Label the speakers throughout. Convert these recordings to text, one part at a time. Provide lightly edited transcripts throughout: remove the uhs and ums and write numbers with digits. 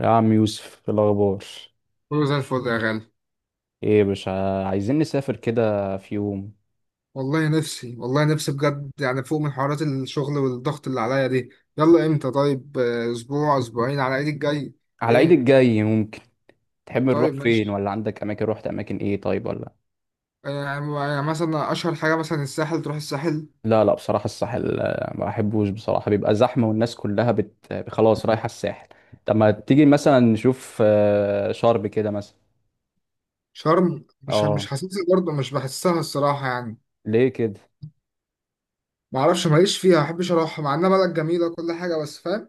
Speaker 1: يا عم يوسف، إيه الأخبار؟
Speaker 2: كله زي الفل يا غالي.
Speaker 1: إيه يا باشا؟ عايزين نسافر كده في يوم.
Speaker 2: والله نفسي بجد، يعني فوق من حوارات الشغل والضغط اللي عليا دي. يلا امتى طيب اسبوع اسبوعين على ايد الجاي.
Speaker 1: على العيد
Speaker 2: ايه
Speaker 1: الجاي ممكن. تحب نروح
Speaker 2: طيب
Speaker 1: فين؟
Speaker 2: ماشي.
Speaker 1: ولا عندك أماكن روحت؟ أماكن إيه طيب؟ ولا
Speaker 2: يعني مثلا اشهر حاجة، مثلا الساحل تروح الساحل.
Speaker 1: لا لا، بصراحة الساحل ما بحبوش بصراحة، بيبقى زحمة والناس كلها خلاص رايحة الساحل. طب ما تيجي مثلا نشوف شرم كده مثلا.
Speaker 2: شرم مش
Speaker 1: آه،
Speaker 2: حاسسها برضه، مش بحسها الصراحة يعني.
Speaker 1: ليه كده؟
Speaker 2: معرفش، ماليش فيها، ما بحبش اروحها مع انها بلد جميلة كل حاجة، بس فاهم.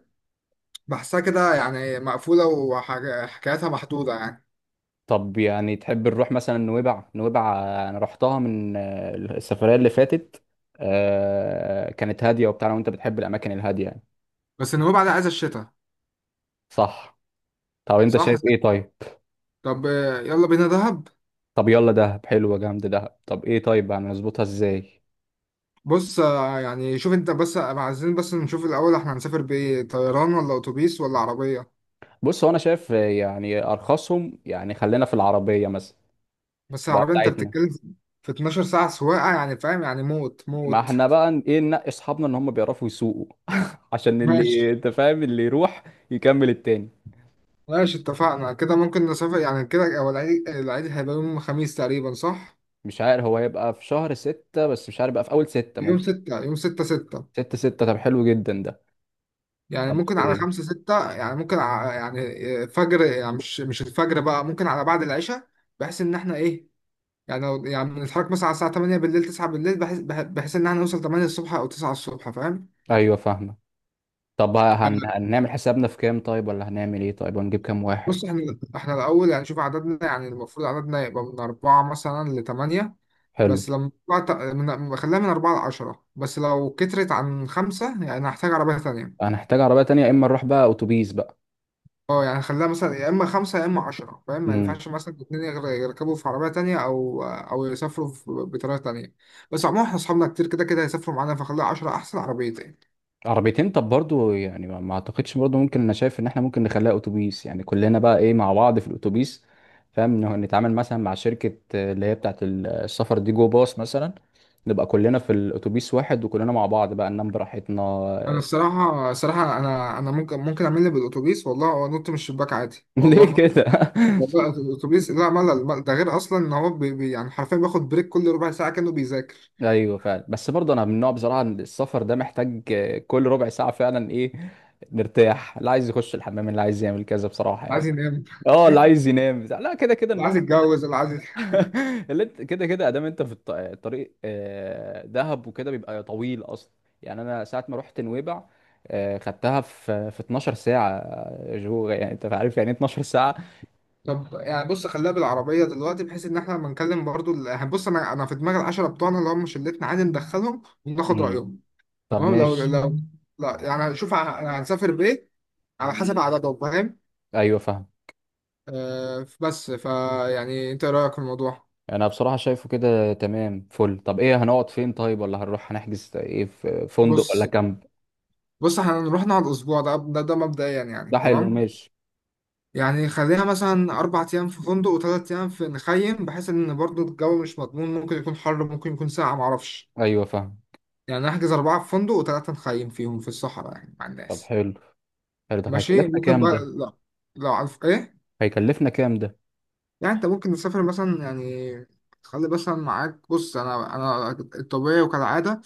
Speaker 2: بحسها كده يعني مقفولة وحكاياتها محدودة يعني.
Speaker 1: طب يعني تحب نروح مثلا نويبع؟ أنا رحتها من السفرية اللي فاتت. كانت هادية وبتاع، وأنت بتحب الأماكن الهادية يعني.
Speaker 2: بس النوبة بعد عايزة الشتاء.
Speaker 1: صح. طب انت
Speaker 2: صح.
Speaker 1: شايف ايه طيب؟
Speaker 2: طب يلا بينا دهب.
Speaker 1: طب يلا دهب، حلوه جامد دهب. طب ايه طيب، يعني نظبطها ازاي؟
Speaker 2: بص يعني شوف انت، بس عايزين بس نشوف الاول احنا هنسافر بايه، طيران ولا اتوبيس ولا عربيه.
Speaker 1: بص هو انا شايف يعني ارخصهم، يعني خلينا في العربيه مثلا.
Speaker 2: بس
Speaker 1: تبقى
Speaker 2: العربيه انت
Speaker 1: بتاعتنا.
Speaker 2: بتتكلم في 12 ساعه سواقه، يعني فاهم، يعني موت
Speaker 1: ما
Speaker 2: موت.
Speaker 1: احنا بقى ايه، ننقي اصحابنا ان هم بيعرفوا يسوقوا. عشان اللي
Speaker 2: ماشي
Speaker 1: انت فاهم، اللي يروح يكمل التاني.
Speaker 2: ماشي، اتفقنا كده. ممكن نسافر يعني كده. هو العيد هيبقى يوم خميس تقريبا، صح.
Speaker 1: مش عارف هو هيبقى في شهر ستة، بس مش عارف بقى، في اول ستة
Speaker 2: يوم
Speaker 1: ممكن.
Speaker 2: 6، يوم 6 6.
Speaker 1: ستة ستة. طب حلو جدا ده.
Speaker 2: يعني
Speaker 1: طب
Speaker 2: ممكن على
Speaker 1: ايه؟
Speaker 2: 5 6، يعني ممكن يعني فجر، يعني مش الفجر بقى، ممكن على بعد العشاء. بحيث ان احنا ايه، يعني لو يعني بنتحرك مثلا على الساعة 8 بالليل 9 بالليل، بحيث إن احنا نوصل 8 الصبح أو 9 الصبح، فاهم؟
Speaker 1: ايوه فاهمه. طب
Speaker 2: آه،
Speaker 1: هنعمل حسابنا في كام طيب؟ ولا هنعمل ايه طيب؟ هنجيب كام
Speaker 2: بص،
Speaker 1: واحد؟
Speaker 2: احنا الأول يعني شوف عددنا، يعني المفروض عددنا يبقى من أربعة مثلا لتمانية.
Speaker 1: حلو.
Speaker 2: بس لما طلع من خليها من أربعة لعشرة، بس لو كترت عن خمسة يعني هحتاج عربية تانية.
Speaker 1: هنحتاج عربية تانية، يا إما نروح بقى أتوبيس بقى.
Speaker 2: اه يعني خليها مثلا يا إما خمسة يا إما عشرة، فاهم؟ ما
Speaker 1: امم
Speaker 2: ينفعش مثلا الاتنين يركبوا في عربية تانية، أو يسافروا بطريقة تانية. بس عموما احنا أصحابنا كتير، كده كده هيسافروا معانا، فخليها عشرة، أحسن عربيتين.
Speaker 1: عربيتين. طب برضو يعني ما أعتقدش، برضو ممكن، أنا شايف إن إحنا ممكن نخليها أتوبيس، يعني كلنا بقى إيه مع بعض في الأتوبيس. فاهم إنه نتعامل مثلا مع شركة اللي هي بتاعة السفر دي، جو باص مثلا. نبقى كلنا في الأتوبيس واحد، وكلنا مع بعض بقى ننام براحتنا.
Speaker 2: انا الصراحه انا ممكن اعمل لي بالاتوبيس والله، وانط من الشباك عادي
Speaker 1: ليه
Speaker 2: والله.
Speaker 1: كده؟
Speaker 2: والله الاتوبيس، لا ملل ده، غير اصلا ان هو بي يعني حرفيا بياخد بريك كل ربع ساعه كانه بيذاكر.
Speaker 1: ايوه فعلا. بس برضه انا من النوع بصراحه إن السفر ده محتاج كل ربع ساعه فعلا ايه. نرتاح، اللي عايز يخش الحمام، اللي عايز يعمل كذا بصراحه
Speaker 2: اللي
Speaker 1: يعني.
Speaker 2: عايز ينام
Speaker 1: اه، اللي عايز ينام بتاع لا كده كده
Speaker 2: اللي عايز
Speaker 1: النوم.
Speaker 2: يتجوز، اللي عايز.
Speaker 1: اللي انت كده كده ادام، انت في الطريق دهب وكده بيبقى طويل اصلا. يعني انا ساعه ما رحت نويبع، خدتها في 12 ساعه، جو. يعني انت عارف يعني ايه 12 ساعه؟
Speaker 2: طب يعني بص، خليها بالعربيه دلوقتي، بحيث ان احنا لما نكلم برضو يعني بص، انا في دماغي العشره بتوعنا اللي هم شلتنا، عادي ندخلهم وناخد
Speaker 1: مم.
Speaker 2: رايهم.
Speaker 1: طب
Speaker 2: تمام. لو
Speaker 1: ماشي.
Speaker 2: لو لا، يعني شوف يعني هنسافر بايه، على حسب عددهم، فاهم.
Speaker 1: ايوه فاهم.
Speaker 2: آه بس فيعني انت إيه رايك في الموضوع؟
Speaker 1: انا بصراحه شايفه كده تمام فل. طب ايه هنقعد فين طيب؟ ولا هنروح هنحجز ايه، في فندق ولا
Speaker 2: بص
Speaker 1: كامب؟
Speaker 2: بص احنا هنروح نقعد اسبوع، ده مبدئيا
Speaker 1: ده
Speaker 2: يعني
Speaker 1: حلو،
Speaker 2: تمام.
Speaker 1: ماشي.
Speaker 2: يعني خليها مثلا 4 ايام في فندق و3 ايام في نخيم، بحيث ان برضو الجو مش مضمون، ممكن يكون حر ممكن يكون ساقع، معرفش.
Speaker 1: ايوه فاهم.
Speaker 2: يعني نحجز اربعه في فندق وثلاثه نخيم فيهم في الصحراء يعني مع
Speaker 1: طب
Speaker 2: الناس.
Speaker 1: حلو. حلو. طب
Speaker 2: ماشي
Speaker 1: هيكلفنا
Speaker 2: ممكن
Speaker 1: كام
Speaker 2: بقى،
Speaker 1: ده؟
Speaker 2: لا، لا عارف ايه.
Speaker 1: هيكلفنا كام ده؟
Speaker 2: يعني انت ممكن تسافر مثلا، يعني تخلي مثلا معاك، بص انا الطبيعي وكالعاده،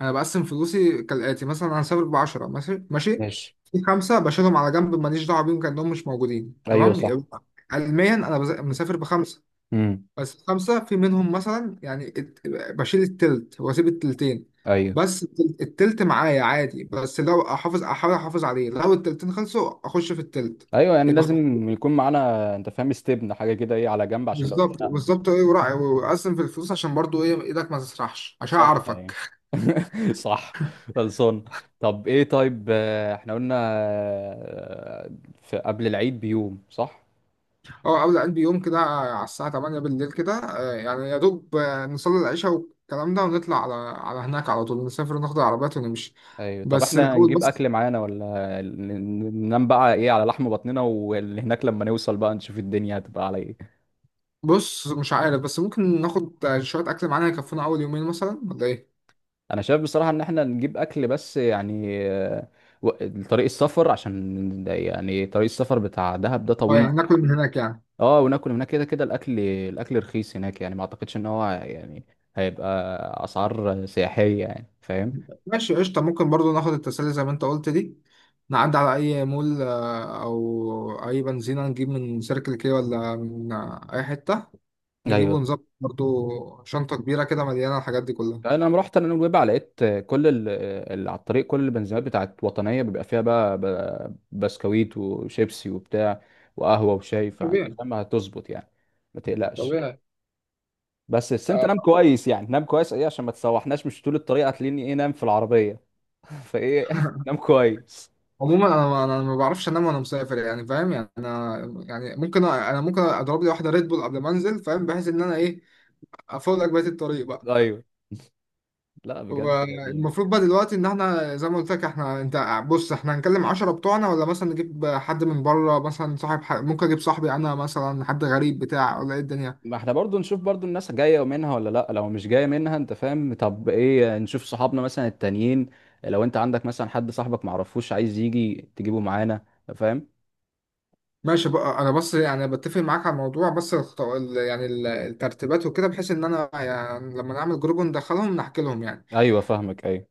Speaker 2: انا بقسم فلوسي كالاتي مثلا. انا سابق بعشرة، ماشي ماشي.
Speaker 1: ماشي.
Speaker 2: في خمسة بشيلهم على جنب، ماليش دعوة بيهم كأنهم مش موجودين
Speaker 1: ايوه
Speaker 2: تمام،
Speaker 1: صح.
Speaker 2: يبقى علميا انا مسافر بخمسة.
Speaker 1: امم
Speaker 2: بس خمسة في منهم مثلا، يعني بشيل التلت واسيب التلتين.
Speaker 1: ايوه
Speaker 2: بس التلت معايا عادي، بس لو احاول احافظ عليه، لو التلتين خلصوا اخش في التلت.
Speaker 1: ايوه، يعني
Speaker 2: يبقى خ-
Speaker 1: لازم يكون معانا، انت فاهم، استبن حاجه كده ايه على جنب، عشان لو
Speaker 2: بالظبط
Speaker 1: اتزنقنا.
Speaker 2: بالظبط ايه، وراعي واقسم في الفلوس عشان برضو ايه، ايدك ما تسرحش عشان
Speaker 1: صح يعني.
Speaker 2: اعرفك.
Speaker 1: صح. خلصان. طب ايه طيب، احنا قلنا في قبل العيد بيوم، صح؟
Speaker 2: اه، قبل قلبي يوم كده على الساعة 8 بالليل كده، يعني يا دوب، نصلي العشاء والكلام ده، ونطلع على هناك، على طول نسافر ناخد العربيات ونمشي.
Speaker 1: ايوه. طب
Speaker 2: بس
Speaker 1: احنا
Speaker 2: الأول
Speaker 1: هنجيب
Speaker 2: بس.
Speaker 1: اكل معانا، ولا ن- ننام بقى ايه على لحم بطننا، واللي هناك لما نوصل بقى نشوف الدنيا هتبقى على ايه؟
Speaker 2: بص مش عارف، بس ممكن ناخد شوية أكل معانا يكفونا أول يومين مثلا ولا إيه؟
Speaker 1: انا شايف بصراحه ان احنا نجيب اكل، بس يعني طريق السفر، عشان يعني طريق السفر بتاع دهب ده
Speaker 2: اه
Speaker 1: طويل.
Speaker 2: يعني ناكل من هناك يعني.
Speaker 1: اه وناكل هناك، كده كده الاكل رخيص هناك، يعني ما اعتقدش ان هو يعني هيبقى اسعار سياحيه، يعني فاهم.
Speaker 2: ماشي قشطة، ممكن برضو ناخد التسلي زي ما أنت قلت دي، نعدي على أي مول أو أي بنزينة، نجيب من سيركل كي ولا من أي حتة، نجيب
Speaker 1: ايوه.
Speaker 2: ونظبط برضو. شنطة كبيرة كده مليانة الحاجات دي كلها.
Speaker 1: انا لما رحت انا نويبع لقيت كل اللي على الطريق، كل البنزينات بتاعت وطنيه بيبقى فيها بقى بسكويت وشيبسي وبتاع، وقهوه وشاي، فانت فاهم هتظبط يعني. ما تقلقش.
Speaker 2: طبيعي
Speaker 1: بس انت نام
Speaker 2: آه،
Speaker 1: كويس، يعني نام كويس ايه عشان ما تسوحناش، مش طول الطريق هتلاقيني ايه نام في العربيه. فايه. نام كويس.
Speaker 2: عموما انا ما بعرفش انام وانا مسافر، يعني فاهم، يعني انا يعني ممكن انا ممكن اضرب لي واحده ريد بول قبل ما انزل، فاهم، بحيث ان انا ايه، افوق بقيه الطريق بقى.
Speaker 1: ايوه. لا بجد يعني.
Speaker 2: والمفروض بقى دلوقتي ان احنا زي ما قلت لك، احنا، انت بص احنا هنكلم عشرة بتوعنا، ولا مثلا نجيب حد من بره مثلا، صاحب ممكن اجيب صاحبي انا مثلا، حد غريب بتاع، ولا ايه الدنيا.
Speaker 1: ما احنا برضو نشوف برضو الناس جاية منها ولا لا، لو مش جاية منها انت فاهم، طب ايه، نشوف صحابنا مثلا التانيين. لو انت عندك مثلا حد صاحبك معرفوش عايز يجي، تجيبه معانا. فاهم؟
Speaker 2: ماشي بقى، انا بس يعني بتفق معاك على الموضوع، بس يعني الترتيبات وكده، بحيث ان انا يعني لما نعمل جروب وندخلهم نحكي لهم يعني.
Speaker 1: ايوه فاهمك، ايوه.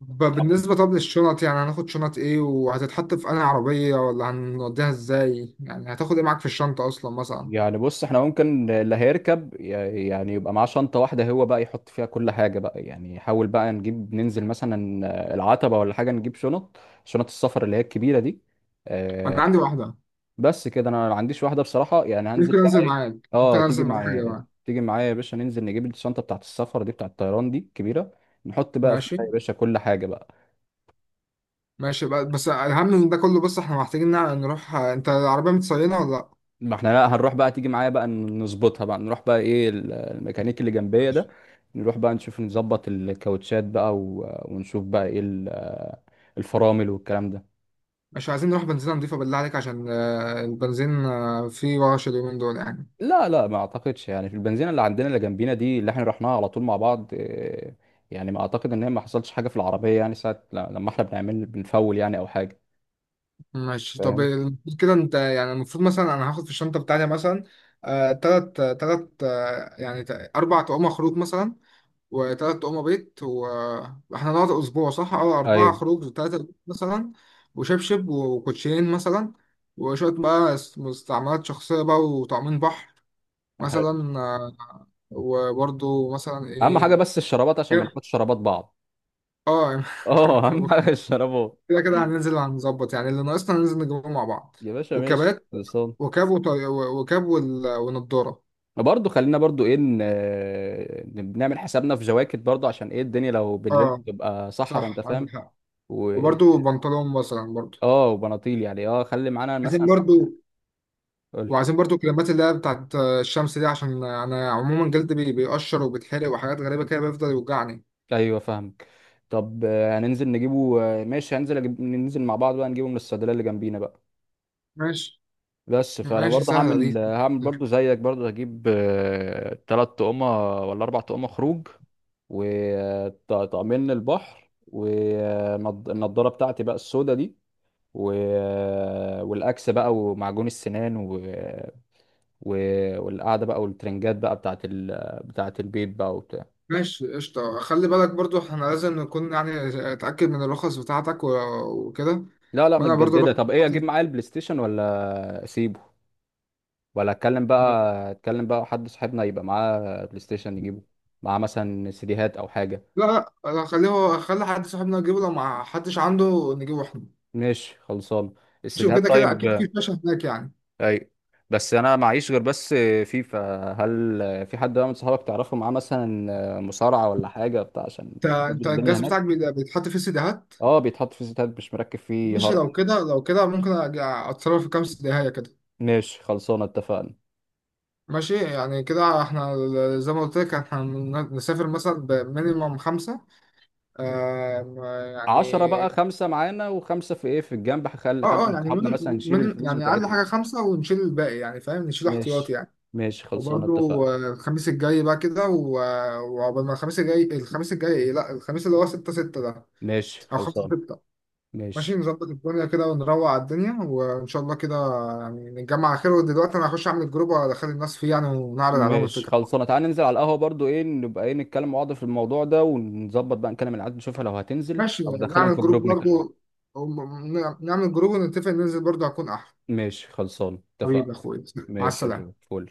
Speaker 1: طب
Speaker 2: بالنسبة طب للشنط، يعني هناخد شنط ايه، وهتتحط في انهي عربية، ولا هنوديها ازاي، يعني هتاخد ايه معاك في الشنطة اصلا مثلا.
Speaker 1: يعني بص، احنا ممكن اللي هيركب يعني يبقى معاه شنطة واحدة، هو بقى يحط فيها كل حاجة بقى، يعني حاول بقى نجيب ننزل مثلا العتبة ولا حاجة، نجيب شنط، شنط السفر اللي هي الكبيرة دي.
Speaker 2: انا
Speaker 1: آه،
Speaker 2: عندي واحدة.
Speaker 1: بس كده انا ما عنديش واحده بصراحه، يعني هنزل
Speaker 2: ممكن
Speaker 1: بقى
Speaker 2: انزل
Speaker 1: ايه؟
Speaker 2: معاك. ممكن
Speaker 1: اه تيجي
Speaker 2: انزل معاك يا
Speaker 1: معايا.
Speaker 2: جماعة.
Speaker 1: تيجي معايا يا باشا، ننزل نجيب الشنطه بتاعت السفر دي، بتاعت الطيران دي كبيره. نحط بقى فيها
Speaker 2: ماشي.
Speaker 1: يا باشا كل حاجه بقى.
Speaker 2: ماشي بقى. بس
Speaker 1: بس،
Speaker 2: اهم من ده كله، بص احنا محتاجين نروح، انت العربية متصينة ولا لا؟
Speaker 1: ما احنا لا هنروح بقى تيجي معايا بقى نظبطها بقى، نروح بقى ايه الميكانيك اللي جنبيه ده.
Speaker 2: ماشي.
Speaker 1: نروح بقى نشوف نظبط الكاوتشات بقى، ونشوف بقى ايه الفرامل والكلام ده.
Speaker 2: مش عايزين نروح بنزينة نضيفة بالله عليك عشان البنزين، فيه ورش اليومين دول يعني.
Speaker 1: لا لا ما اعتقدش يعني، في البنزينه اللي عندنا اللي جنبينا دي، اللي احنا رحناها على طول مع بعض، يعني ما اعتقد ان هي ما حصلش حاجه في العربيه يعني، ساعه لما احنا بنعمل بنفول يعني او حاجه.
Speaker 2: ماشي، طب
Speaker 1: فاهم.
Speaker 2: المفروض كده انت يعني، المفروض مثلا انا هاخد في الشنطه بتاعتي مثلا، تلات تلات يعني اربع طقم خروج مثلا، وتلات طقم بيت، واحنا نقعد اسبوع صح؟ اه، اربعه
Speaker 1: ايوه
Speaker 2: خروج تلاته بيت مثلا. وشبشب وكوتشين مثلا. وشويه بقى مستعملات شخصيه بقى، وطعمين بحر
Speaker 1: حلو.
Speaker 2: مثلا، وبرضو مثلا
Speaker 1: اهم حاجه
Speaker 2: ايه،
Speaker 1: بس الشرابات، عشان ما
Speaker 2: كده.
Speaker 1: ناخدش شرابات بعض.
Speaker 2: اه
Speaker 1: اه، اهم حاجه الشرابات.
Speaker 2: كده كده هننزل على المظبط، يعني اللي ناقصنا هننزل نجيبه مع بعض.
Speaker 1: يا باشا ماشي
Speaker 2: وكبات،
Speaker 1: خلصان.
Speaker 2: وكاب ونضارة.
Speaker 1: برضه خلينا برضه ايه نعمل حسابنا في جواكت برضه، عشان ايه الدنيا لو بالليل
Speaker 2: اه
Speaker 1: تبقى صحرا انت
Speaker 2: صح عندك
Speaker 1: فاهم.
Speaker 2: حق.
Speaker 1: و
Speaker 2: وبرده بنطلون مثلا برضو،
Speaker 1: اه وبناطيل يعني، اه خلي معانا
Speaker 2: عايزين
Speaker 1: مثلا.
Speaker 2: برضو.
Speaker 1: قول لي.
Speaker 2: وعايزين برضو كريمات، اللي هي بتاعت الشمس دي، عشان انا عموما جلدي بيقشر وبيتحرق وحاجات غريبة كده بيفضل يوجعني.
Speaker 1: ايوه فاهمك. طب هننزل نجيبه، ماشي هننزل ننزل مع بعض بقى نجيبه من الصيدليه اللي جنبينا بقى.
Speaker 2: ماشي.
Speaker 1: بس فانا
Speaker 2: ماشي
Speaker 1: برضه
Speaker 2: سهلة دي.
Speaker 1: هعمل برضه زيك، برضه هجيب ثلاث طقمه ولا اربع طقمه خروج، وطقمين البحر، والنضاره بتاعتي بقى السودا دي، و... والاكس بقى ومعجون السنان، و... والقعده بقى، والترنجات بقى بتاعت بتاعت البيت بقى وبتاع.
Speaker 2: ماشي قشطة، خلي بالك برضو احنا لازم نكون يعني اتأكد من الرخص بتاعتك وكده.
Speaker 1: لا لا
Speaker 2: وانا برضو
Speaker 1: متجدده.
Speaker 2: الرخص
Speaker 1: طب ايه، اجيب
Speaker 2: بتاعتي.
Speaker 1: معايا البلاي ستيشن ولا اسيبه؟ ولا اتكلم بقى، اتكلم بقى حد صاحبنا يبقى معاه بلاي ستيشن نجيبه، معاه مثلا سيديهات او حاجه.
Speaker 2: لا لا، خليه هو، خلي حد صاحبنا يجيبه، لو ما حدش عنده نجيبه احنا.
Speaker 1: ماشي خلصان.
Speaker 2: ماشي،
Speaker 1: السيديهات
Speaker 2: وكده كده اكيد
Speaker 1: طيب.
Speaker 2: في شاشه هناك يعني.
Speaker 1: اي. بس انا معيش غير بس فيفا. هل في حد بقى من صحابك تعرفه معاه مثلا مصارعه ولا حاجه بتاع، عشان
Speaker 2: انت
Speaker 1: نظبط
Speaker 2: انت
Speaker 1: الدنيا
Speaker 2: الجهاز بتاعك
Speaker 1: هناك؟
Speaker 2: بيتحط فيه سيديهات.
Speaker 1: اه بيتحط في سيديهات، مش مركب فيه
Speaker 2: ماشي،
Speaker 1: هارد.
Speaker 2: لو كده ممكن اتصرف في كام سيديهايه كده.
Speaker 1: ماشي خلصانه اتفقنا.
Speaker 2: ماشي، يعني كده احنا زي ما قلت لك، احنا نسافر مثلا بمينيمم خمسه. آم، يعني
Speaker 1: عشرة بقى، خمسة معانا وخمسة في ايه في الجنب، هخلي حد
Speaker 2: اه اه،
Speaker 1: من
Speaker 2: يعني
Speaker 1: صحابنا مثلا يشيل الفلوس
Speaker 2: يعني اقل
Speaker 1: بتاعتنا.
Speaker 2: حاجه خمسه، ونشيل الباقي، يعني فاهم، نشيل احتياطي
Speaker 1: ماشي.
Speaker 2: يعني.
Speaker 1: ماشي خلصانه
Speaker 2: وبرضو
Speaker 1: اتفقنا.
Speaker 2: الخميس الجاي بقى كده، وعقبال ما الخميس الجاي إيه؟ لا، الخميس اللي هو 6 6 ده،
Speaker 1: ماشي
Speaker 2: او 5
Speaker 1: خلصان.
Speaker 2: 6. ماشي،
Speaker 1: ماشي.
Speaker 2: نظبط الدنيا كده ونروق على الدنيا وان شاء الله كده. يعني نتجمع على خير، ودلوقتي انا هخش اعمل جروب وادخل الناس فيه يعني، ونعرض عليهم
Speaker 1: ماشي
Speaker 2: الفكره.
Speaker 1: خلصانه، تعالى ننزل على القهوه برضو ايه، نبقى ايه نتكلم مع بعض في الموضوع ده ونظبط بقى، نكلم العيال نشوفها لو هتنزل
Speaker 2: ماشي،
Speaker 1: او ندخلهم
Speaker 2: نعمل
Speaker 1: في
Speaker 2: جروب
Speaker 1: الجروب نتكلم.
Speaker 2: برضو. وم- نعمل جروب ونتفق ننزل برضو، هكون احلى.
Speaker 1: ماشي خلصانه
Speaker 2: حبيبي يا
Speaker 1: اتفقنا.
Speaker 2: اخويا. مع
Speaker 1: ماشي يا جو،
Speaker 2: السلامه.
Speaker 1: فل.